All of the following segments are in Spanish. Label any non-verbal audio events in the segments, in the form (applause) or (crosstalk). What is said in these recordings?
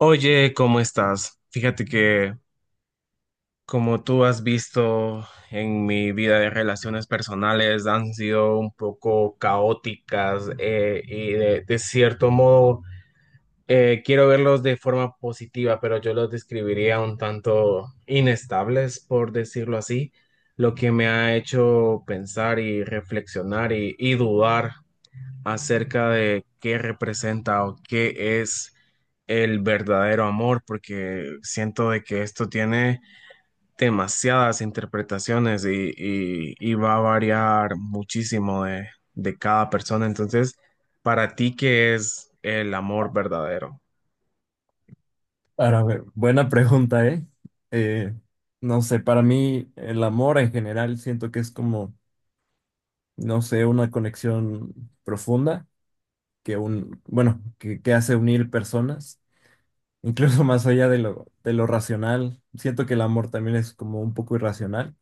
Oye, ¿cómo estás? Fíjate que como tú has visto en mi vida de relaciones personales han sido un poco caóticas, y de cierto modo, quiero verlos de forma positiva, pero yo los describiría un tanto inestables, por decirlo así, lo que me ha hecho pensar y reflexionar y dudar acerca de qué representa o qué es el verdadero amor, porque siento de que esto tiene demasiadas interpretaciones y va a variar muchísimo de cada persona. Entonces, para ti, ¿qué es el amor verdadero? Para ver, buena pregunta, ¿eh? Eh, no sé, para mí el amor en general siento que es como, no sé, una conexión profunda que un, bueno, que hace unir personas, incluso (laughs) más allá de lo racional. Siento que el amor también es como un poco irracional,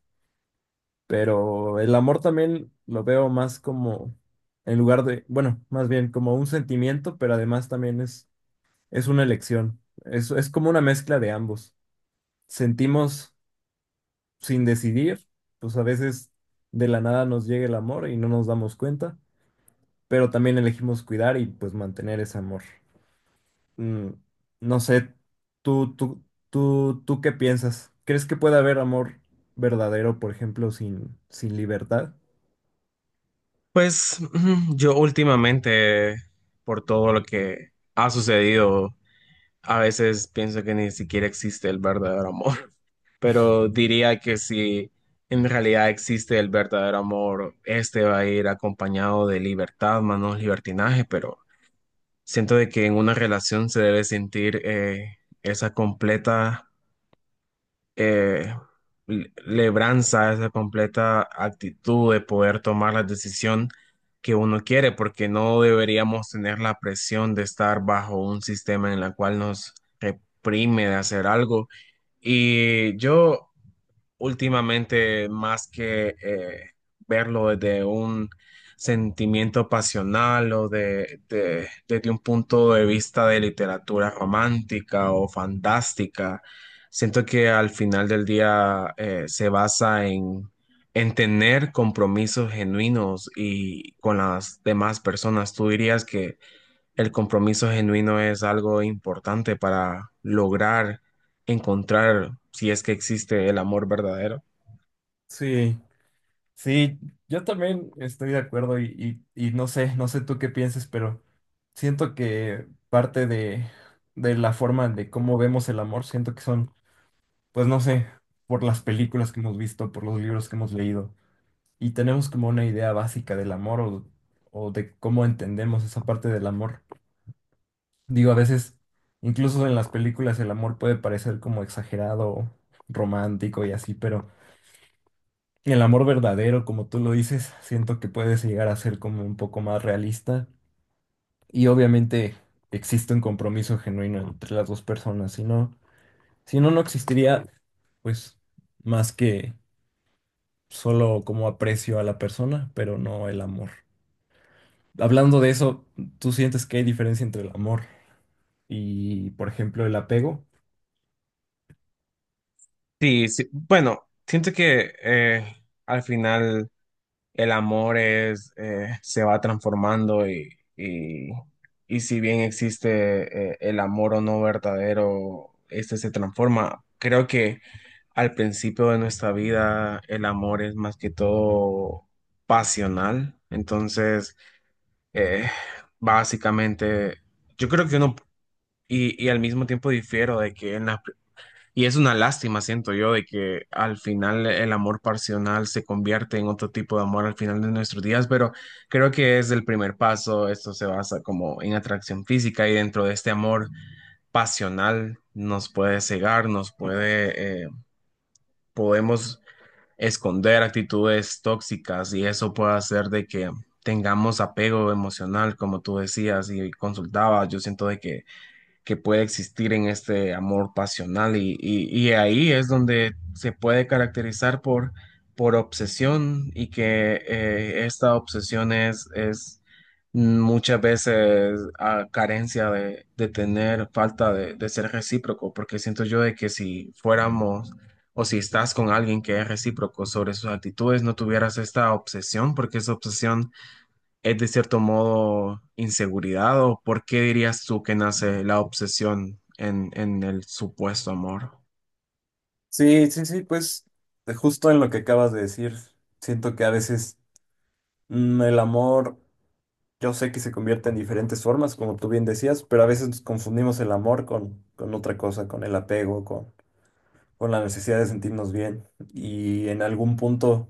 pero el amor también lo veo más como, en lugar de, bueno, más bien como un sentimiento, pero además también es una elección. Es como una mezcla de ambos sentimos sin decidir, pues a veces de la nada nos llega el amor y no nos damos cuenta, pero también elegimos cuidar y pues mantener ese amor. Mm, no sé, tú, tú, tú qué piensas? ¿Crees que puede haber amor verdadero, por ejemplo, sin libertad? Pues ujú, yo últimamente, por todo lo que ha sucedido, a veces pienso que ni siquiera existe el verdadero amor, (laughs) pero diría que si en realidad existe el verdadero amor, este va a ir acompañado de libertad, manos libertinaje, pero siento de que en una relación se debe sentir esa completa eh, lebranza, esa completa actitud de poder tomar la decisión que uno quiere, porque no deberíamos tener la presión de estar bajo un sistema en el cual nos reprime de hacer algo. Y yo últimamente más que verlo desde un sentimiento pasional o desde un punto de vista de literatura romántica o fantástica, siento que al final del día se basa en, tener compromisos genuinos y con las demás personas. ¿Tú dirías que el compromiso genuino es algo importante para lograr encontrar si es que existe el amor verdadero? Sí, sí, yo también estoy de acuerdo y no sé, no sé tú qué pienses, pero siento que parte de la forma de cómo vemos el amor, siento que son pues no sé, por las películas que hemos visto, por los libros que hemos leído, y tenemos como una idea básica del amor o de cómo entendemos esa parte del amor. Digo, a veces, incluso en las películas, el amor puede parecer como exagerado, romántico y así, pero el amor verdadero, como tú lo dices, siento que puedes llegar a ser como un poco más realista y obviamente existe un compromiso genuino entre las dos personas, si no, si no, no existiría, pues, más que solo como aprecio a la persona, pero no el amor. Hablando de eso, ¿tú sientes que hay diferencia entre el amor y, por ejemplo, el apego? Sí, sí. Bueno, siento que al final el amor es, se va transformando, y, y si bien existe el amor o no verdadero, este se transforma. Creo que al principio de nuestra vida el amor es más que todo pasional. Entonces, Eh, básicamente, yo creo que uno, y al mismo tiempo difiero de que, y es una lástima, siento yo, de que al final el amor pasional se convierte en otro tipo de amor al final de nuestros días, pero creo que es el primer paso, esto se basa como en atracción física y dentro de este amor pasional nos puede cegar, nos puede, podemos esconder actitudes tóxicas y eso puede hacer de que tengamos apego emocional, como tú decías y consultabas. Yo siento de que puede existir en este amor pasional y ahí es donde se puede caracterizar por obsesión y que esta obsesión es muchas veces a carencia de tener falta de ser recíproco, porque siento yo de que si fuéramos o si estás con alguien que es recíproco sobre sus actitudes, no tuvieras esta obsesión, porque esa obsesión es de cierto modo inseguridad, ¿o por qué dirías tú que nace la obsesión en el supuesto amor? Sí, sí, sí, pues de justo en lo que acabas de decir, siento que a veces el amor, yo sé que se convierte en diferentes formas, como tú bien decías, pero a veces nos confundimos el amor con otra cosa, con el apego, con la necesidad de sentirnos bien. Y en algún punto,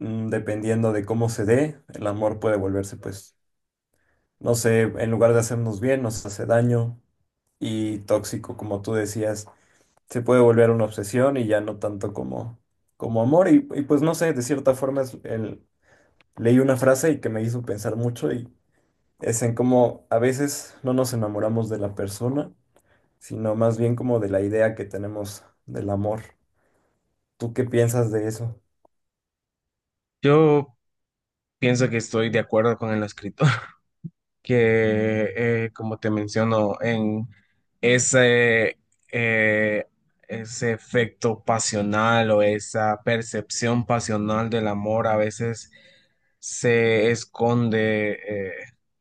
dependiendo de cómo se dé, el amor puede volverse pues no sé, en lugar de hacernos bien, nos hace daño y tóxico, como tú decías, se puede volver una obsesión y ya no tanto como, como amor. Y pues no sé, de cierta forma leí una frase y que me hizo pensar mucho y es en cómo a veces no nos enamoramos de la persona, sino más bien como de la idea que tenemos del amor. ¿Tú qué piensas de eso? Yo pienso que estoy de acuerdo con el escritor, (laughs) que como te menciono, en ese, eh, ese efecto pasional o esa percepción pasional del amor a veces se esconde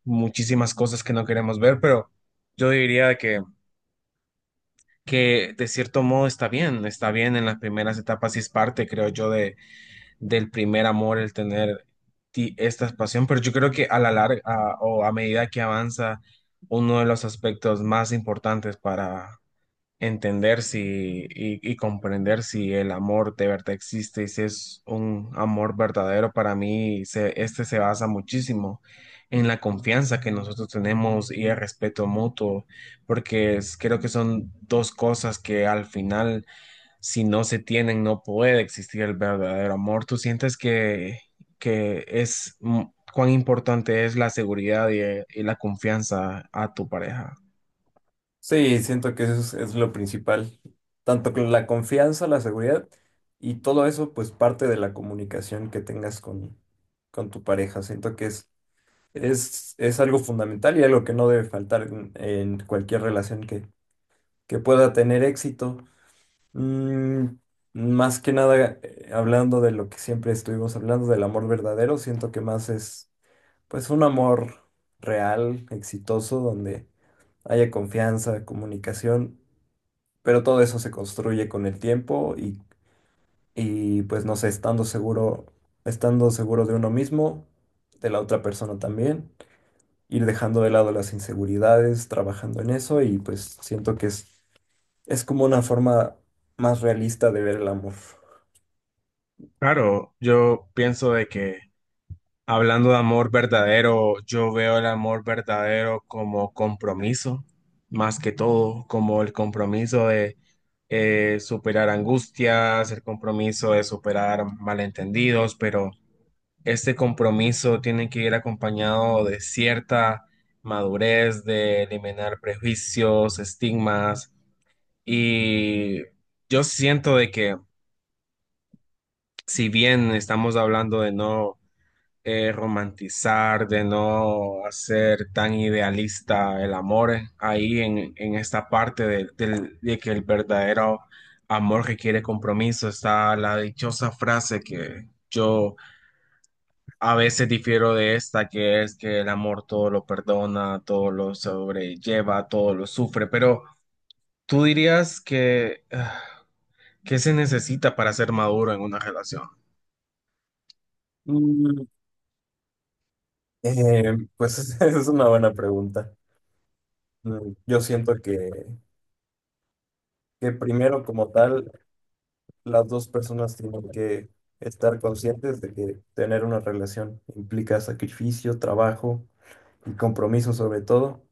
muchísimas cosas que no queremos ver, pero yo diría que de cierto modo está bien en las primeras etapas y es parte, creo yo, del primer amor el tener esta pasión, pero yo creo que a la larga o a medida que avanza, uno de los aspectos más importantes para entender si y comprender si el amor de verdad existe y si es un amor verdadero para mí, este se basa muchísimo en la confianza que nosotros tenemos y el respeto mutuo, porque creo que son dos cosas que al final, si no se tienen, no puede existir el verdadero amor. ¿Tú sientes que es, cuán importante es la seguridad y la confianza a tu pareja? Sí, siento que eso es lo principal, tanto con la confianza, la seguridad y todo eso, pues parte de la comunicación que tengas con tu pareja. Siento que es, es algo fundamental y algo que no debe faltar en cualquier relación que pueda tener éxito. Mm, más que nada, hablando de lo que siempre estuvimos hablando, del amor verdadero, siento que más es pues un amor real, exitoso, donde haya confianza, comunicación, pero todo eso se construye con el tiempo y pues no sé, estando seguro de uno mismo, de la otra persona también, ir dejando de lado las inseguridades, trabajando en eso y pues siento que es como una forma más realista de ver el amor. Claro, yo pienso de que hablando de amor verdadero, yo veo el amor verdadero como compromiso, más que todo, como el compromiso de superar angustias, el compromiso de superar malentendidos, pero este compromiso tiene que ir acompañado de cierta madurez, de eliminar prejuicios, estigmas, y yo siento de que si bien estamos hablando de no romantizar, de no hacer tan idealista el amor, ahí en esta parte de que el verdadero amor requiere compromiso, está la dichosa frase que yo a veces difiero de esta, que es que el amor todo lo perdona, todo lo sobrelleva, todo lo sufre, pero tú dirías que, ah, ¿qué se necesita para ser maduro en una relación? Mm, pues (laughs) es una buena pregunta. Mm, yo siento que primero como tal las dos personas tienen que estar conscientes de que tener una relación implica sacrificio, trabajo y compromiso sobre todo,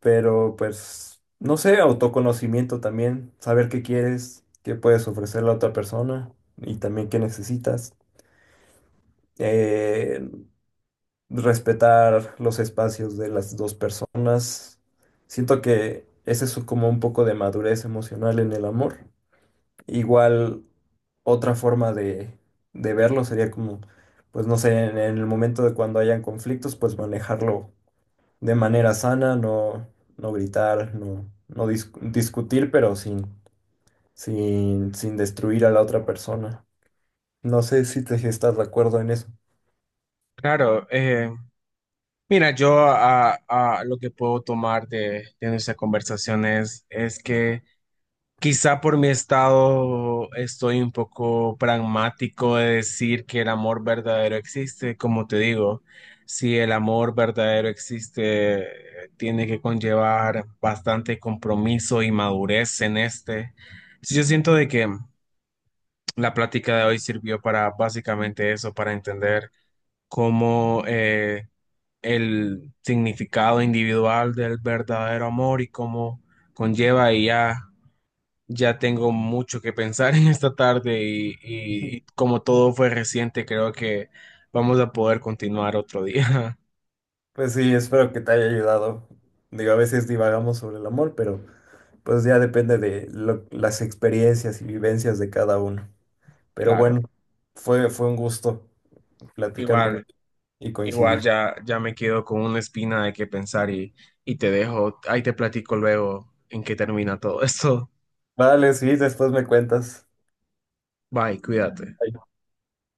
pero pues, no sé, autoconocimiento también, saber qué quieres, qué puedes ofrecer a la otra persona y también qué necesitas. Eh, Respetar los espacios de las dos personas. Siento que ese es como un poco de madurez emocional en el amor. Igual otra forma de verlo sería como, pues no sé, en el momento de cuando hayan conflictos, pues manejarlo de manera sana, no, no gritar, no, discutir, pero sin, sin destruir a la otra persona. No sé si te si estás de acuerdo en eso. Claro, mira, yo lo que puedo tomar de nuestra conversación es que quizá por mi estado estoy un poco pragmático de decir que el amor verdadero existe. Como te digo, si el amor verdadero existe, tiene que conllevar bastante compromiso y madurez en este. Sí, yo siento de que la plática de hoy sirvió para básicamente eso, para entender como el significado individual del verdadero amor y cómo conlleva y ya, ya tengo mucho que pensar (laughs) en esta tarde y como todo fue reciente, creo que vamos a poder continuar otro día. (laughs) Pues sí, espero que te haya ayudado. Digo, a veces divagamos sobre el amor, pero pues ya depende de las experiencias y vivencias de cada uno. Pero Claro, bueno, fue, fue un gusto platicar con igual, y igual coincidir. ya, ya me quedo con una espina de qué pensar y te dejo, ahí te platico luego en qué termina todo esto. Vale, sí, después me cuentas. Bye, cuídate.